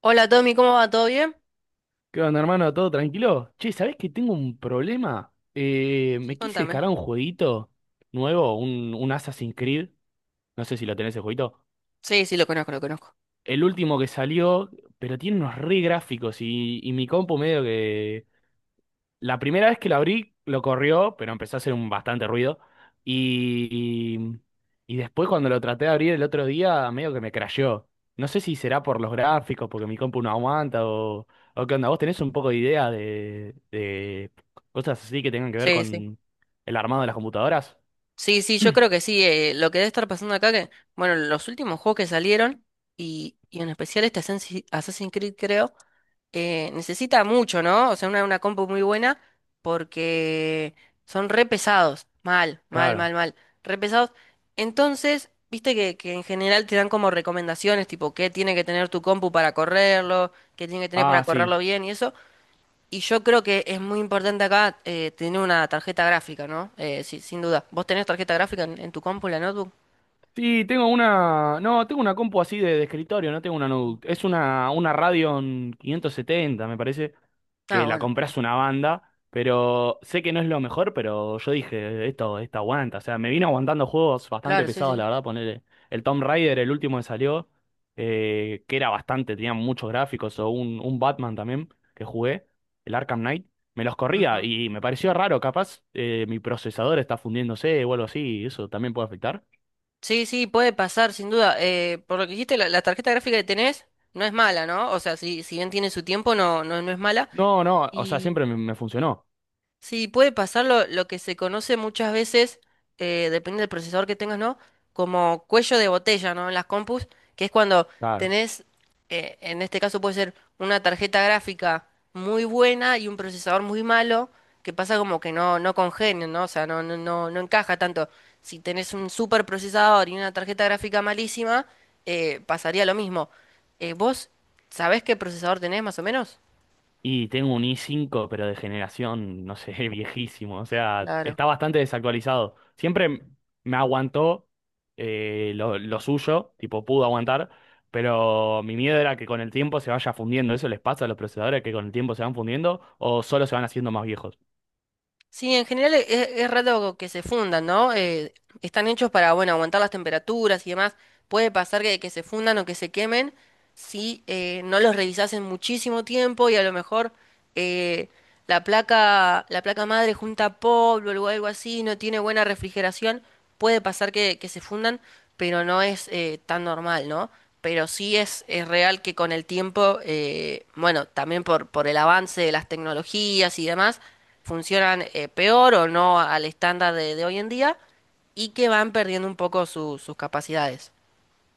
Hola Tommy, ¿cómo va? ¿Todo bien? ¿Qué onda, hermano? ¿Todo tranquilo? Che, ¿sabés que tengo un problema? Sí, Me quise contame. descargar un jueguito nuevo, un Assassin's Creed. No sé si lo tenés el jueguito. Sí, sí, lo conozco, lo conozco. El último que salió, pero tiene unos re gráficos y mi compu medio que, la primera vez que lo abrí, lo corrió, pero empezó a hacer un bastante ruido. Y, y después cuando lo traté de abrir el otro día, medio que me crasheó. No sé si será por los gráficos, porque mi compu no aguanta o qué onda. ¿Vos tenés un poco de idea de cosas así que tengan que ver Sí, sí. con el armado de las computadoras? Sí, sí, yo creo que sí. Lo que debe estar pasando acá, que bueno, los últimos juegos que salieron, y en especial este Assassin's Creed, creo, necesita mucho, ¿no? O sea, una compu muy buena porque son re pesados. Mal, mal, mal, Claro. mal. Re pesados. Entonces, viste que, en general te dan como recomendaciones, tipo, qué tiene que tener tu compu para correrlo, qué tiene que tener para Ah, sí. correrlo bien y eso. Y yo creo que es muy importante acá tener una tarjeta gráfica, ¿no? Sí, sin duda. ¿Vos tenés tarjeta gráfica en, tu compu, en la notebook? Sí, tengo una. No, tengo una compu así de escritorio, no tengo una Mm. notebook. Es una Radeon 570, me parece, Ah, que la bueno, compras una banda, pero sé que no es lo mejor, pero yo dije, esto aguanta. O sea, me vino aguantando juegos bastante claro, sí, pesados, sí. la verdad, poner el Tomb Raider, el último que salió, que era bastante, tenía muchos gráficos, o un Batman también que jugué, el Arkham Knight. Me los corría Ujú. y me pareció raro, capaz mi procesador está fundiéndose o algo así, y eso también puede afectar. Sí, sí, puede pasar, sin duda. Por lo que dijiste, la tarjeta gráfica que tenés no es mala, ¿no? O sea, si bien tiene su tiempo, no, no, no es mala. No, no, o sea, siempre me, me funcionó. Sí, puede pasar lo que se conoce muchas veces, depende del procesador que tengas, ¿no? Como cuello de botella, ¿no? En las compus, que es cuando Claro. tenés, en este caso puede ser una tarjeta gráfica muy buena y un procesador muy malo, que pasa como que no, no congenian, ¿no? O sea, no, no, no, no encaja tanto. Si tenés un super procesador y una tarjeta gráfica malísima, pasaría lo mismo. ¿Vos sabés qué procesador tenés más o menos? Y tengo un i5, pero de generación, no sé, viejísimo. O sea, Claro. está bastante desactualizado. Siempre me aguantó lo suyo, tipo, pudo aguantar, pero mi miedo era que con el tiempo se vaya fundiendo. ¿Eso les pasa a los procesadores que con el tiempo se van fundiendo o solo se van haciendo más viejos? Sí, en general es raro que se fundan, ¿no? Están hechos para, bueno, aguantar las temperaturas y demás. Puede pasar que, se fundan o que se quemen si no los revisás en muchísimo tiempo y a lo mejor eh, la placa, madre junta polvo o algo así, no tiene buena refrigeración. Puede pasar que, se fundan, pero no es tan normal, ¿no? Pero sí es, real que con el tiempo, bueno, también por, el avance de las tecnologías y demás, funcionan peor o no al estándar de hoy en día y que van perdiendo un poco sus capacidades.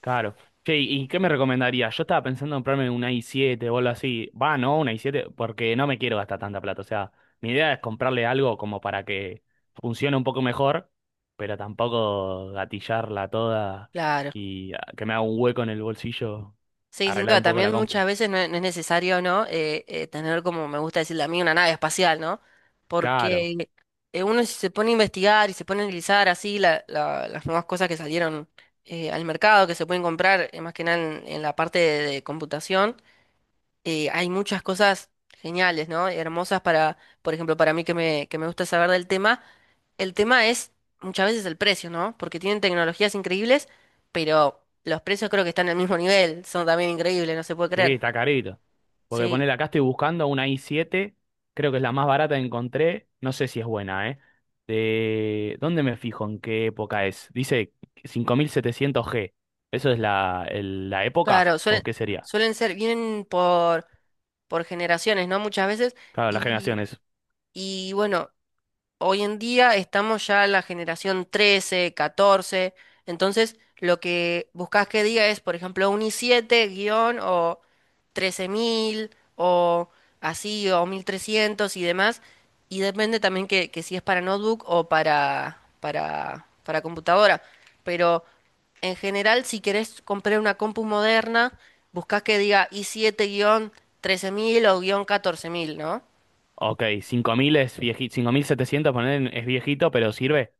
Claro. Che, ¿y qué me recomendarías? Yo estaba pensando en comprarme una i7 o algo así. Va, no, una i7, porque no me quiero gastar tanta plata. O sea, mi idea es comprarle algo como para que funcione un poco mejor, pero tampoco gatillarla toda Claro. y ah, que me haga un hueco en el bolsillo, Sí, sin arreglar duda, un poco la también compu. muchas veces no es, necesario, ¿no? Tener, como me gusta decirle a mí, una nave espacial, ¿no? Claro. Porque uno si se pone a investigar y se pone a analizar así las nuevas cosas que salieron al mercado, que se pueden comprar, más que nada en, la parte de, computación, hay muchas cosas geniales, ¿no? Hermosas para, por ejemplo, para mí que que me gusta saber del tema. El tema es muchas veces el precio, ¿no? Porque tienen tecnologías increíbles, pero los precios creo que están al mismo nivel. Son también increíbles, no se puede Sí, creer. está carito. Porque Sí, ponele acá estoy buscando una i7, creo que es la más barata que encontré, no sé si es buena, ¿eh? De... ¿Dónde me fijo? ¿En qué época es? Dice 5700 g. ¿Eso es la, el- la época? claro, ¿O qué sería? suelen ser, vienen por, generaciones, ¿no? Muchas veces. Claro, las Y, generaciones es... y bueno. Hoy en día estamos ya en la generación 13, 14, entonces lo que buscas que diga es, por ejemplo, un i siete guión o 13000 o así, o 1300 y demás, y depende también que, si es para notebook o para, computadora, pero en general si querés comprar una compu moderna, buscas que diga i siete guión 13000 o guión 14000, ¿no? Ok, 5000 es viejito, 5700 poner es viejito, pero sirve.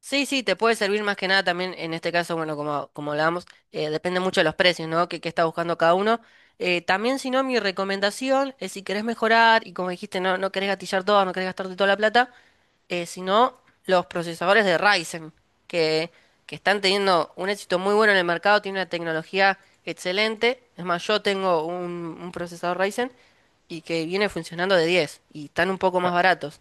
Sí, sí, te puede servir más que nada también en este caso, bueno, como hablábamos, depende mucho de los precios, ¿no? Que está buscando cada uno. También, si no, mi recomendación es si querés mejorar y como dijiste, no, no querés gatillar todo, no querés gastarte toda la plata, si no, los procesadores de Ryzen, que, están teniendo un éxito muy bueno en el mercado, tienen una tecnología excelente. Es más, yo tengo un, procesador Ryzen y que viene funcionando de 10 y están un poco más Ca- baratos.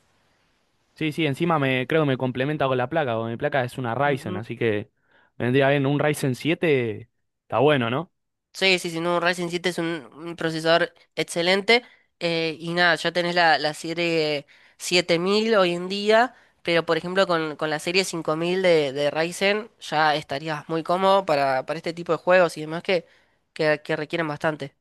Sí, sí, encima me creo que me complementa con la placa, porque mi placa es una Ryzen, así que vendría bien un Ryzen 7, está bueno, ¿no? Sí, sí, sí, no, un Ryzen siete es un, procesador excelente. Y nada, ya tenés la, serie 7000 hoy en día, pero por ejemplo con, la serie cinco mil de, Ryzen ya estarías muy cómodo para, este tipo de juegos y demás que, requieren bastante.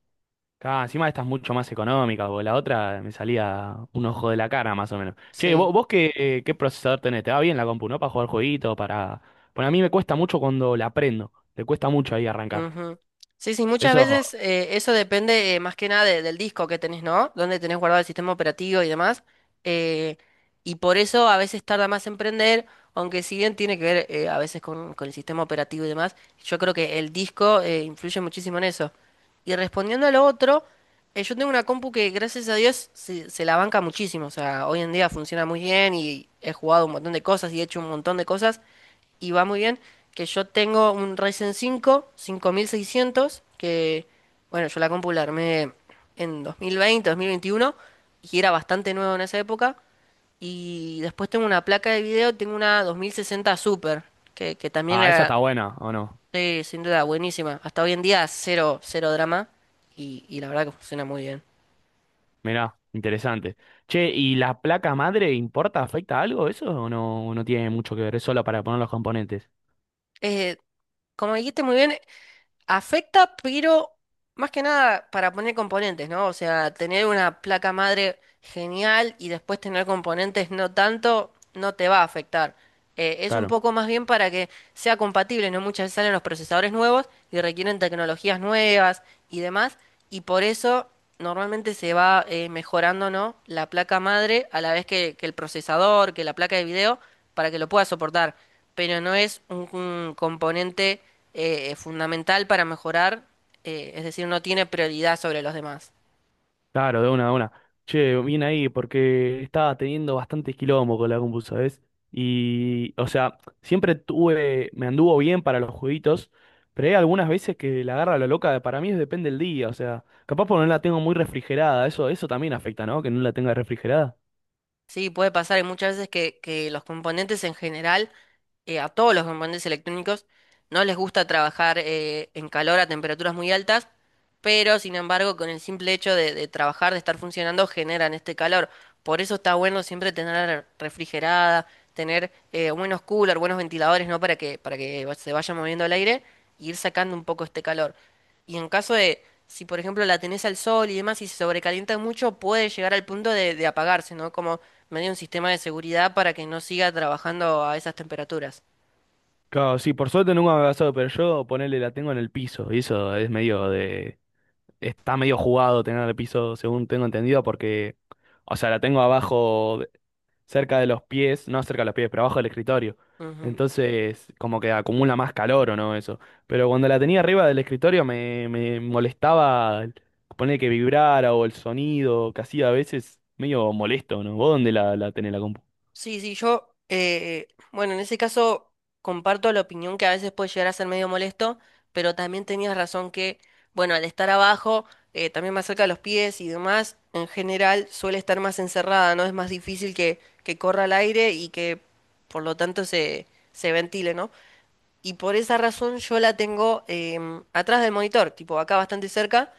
Claro, encima esta es mucho más económica, porque la otra me salía un ojo de la cara más o menos. Che, Sí. vos qué, qué procesador tenés, te va bien la compu, ¿no? Para jugar jueguitos, para... Bueno, a mí me cuesta mucho cuando la prendo, le cuesta mucho ahí arrancar. Ujú. Sí, sí, muchas Eso, veces eso depende más que nada del disco que tenés, ¿no? Donde tenés guardado el sistema operativo y demás. eh, y por eso a veces tarda más en prender, aunque si bien tiene que ver a veces con, el sistema operativo y demás, yo creo que el disco influye muchísimo en eso. Y respondiendo a lo otro, yo tengo una compu que gracias a Dios se, la banca muchísimo. O sea, hoy en día funciona muy bien y he jugado un montón de cosas y he hecho un montón de cosas y va muy bien, que yo tengo un Ryzen cinco cinco mil seiscientos que bueno, yo la compu la armé en 2020 2021 y era bastante nuevo en esa época. Y después tengo una placa de video, tengo una dos mil sesenta Super, que, también ah, esa era, está buena, ¿o no? sí, sin duda, buenísima. Hasta hoy en día, cero, cero drama, y la verdad que funciona muy bien. Mirá, interesante. Che, ¿y la placa madre importa, afecta algo eso o no, no tiene mucho que ver? Es solo para poner los componentes. Eh, como dijiste muy bien, afecta, pero más que nada para poner componentes, ¿no? O sea, tener una placa madre genial y después tener componentes no tanto, no te va a afectar. Es un Claro. poco más bien para que sea compatible, ¿no? Muchas veces salen los procesadores nuevos y requieren tecnologías nuevas y demás, y por eso normalmente se va mejorando, ¿no? La placa madre a la vez que, el procesador, que la placa de video, para que lo pueda soportar, pero no es un, componente fundamental para mejorar, es decir, no tiene prioridad sobre los demás. Claro, de una, de una. Che, bien ahí, porque estaba teniendo bastante quilombo con la compu, ¿sabes? Y, o sea, siempre tuve, me anduvo bien para los jueguitos, pero hay algunas veces que la agarra la loca, para mí es depende del día, o sea, capaz porque no la tengo muy refrigerada, eso también afecta, ¿no? Que no la tenga refrigerada. Sí, puede pasar, y muchas veces que, los componentes en general, a todos los componentes electrónicos, no les gusta trabajar en calor a temperaturas muy altas, pero sin embargo con el simple hecho de, trabajar, de estar funcionando, generan este calor. Por eso está bueno siempre tener refrigerada, tener buenos coolers, buenos ventiladores, ¿no? Para que se vaya moviendo el aire y ir sacando un poco este calor. Y en caso de, si por ejemplo la tenés al sol y demás y se sobrecalienta mucho, puede llegar al punto de, apagarse, ¿no? Como medio un sistema de seguridad para que no siga trabajando a esas temperaturas. Claro, sí, por suerte nunca me ha pasado, pero yo ponerle la tengo en el piso, y eso es medio de, está medio jugado tener el piso, según tengo entendido, porque, o sea, la tengo abajo cerca de los pies, no cerca de los pies, pero abajo del escritorio. Ujú. Entonces, como que acumula más calor o no, eso. Pero cuando la tenía arriba del escritorio me, me molestaba poner que vibrara o el sonido que hacía a veces medio molesto, ¿no? ¿Vos dónde la, la tenés la compu? Sí, sí, yo, bueno, en ese caso comparto la opinión que a veces puede llegar a ser medio molesto, pero también tenías razón que, bueno, al estar abajo, también más cerca de los pies y demás, en general suele estar más encerrada, ¿no? Es más difícil que, corra el aire y que por lo tanto se, ventile, ¿no? Y por esa razón yo la tengo atrás del monitor, tipo acá bastante cerca,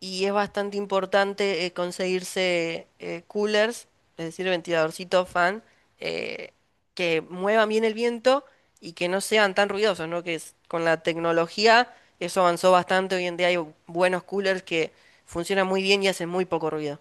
y es bastante importante conseguirse coolers, es decir, ventiladorcitos fan, eh, que muevan bien el viento y que no sean tan ruidosos, ¿no? Con la tecnología eso avanzó bastante, hoy en día hay buenos coolers que funcionan muy bien y hacen muy poco ruido.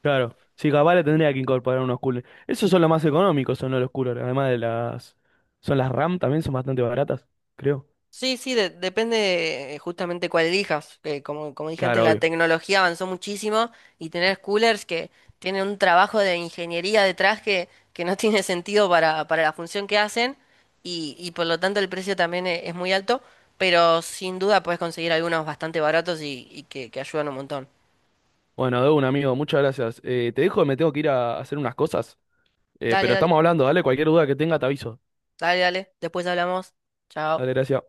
Claro, sí, capaz le tendría que incorporar unos coolers. Esos son los más económicos, son los coolers. Además de las... Son las RAM también, son bastante baratas, creo. Sí, sí, depende justamente cuál elijas. Que como dije antes, Claro, la obvio. tecnología avanzó muchísimo y tener coolers que tienen un trabajo de ingeniería detrás que, no tiene sentido para, la función que hacen y por lo tanto el precio también es muy alto, pero sin duda puedes conseguir algunos bastante baratos y que, ayudan un montón. Bueno, de un amigo, muchas gracias. Te dejo, me tengo que ir a hacer unas cosas. Dale, Pero dale, estamos hablando, dale, cualquier duda que tenga te aviso. dale, dale. Después hablamos. Chao. Dale, gracias.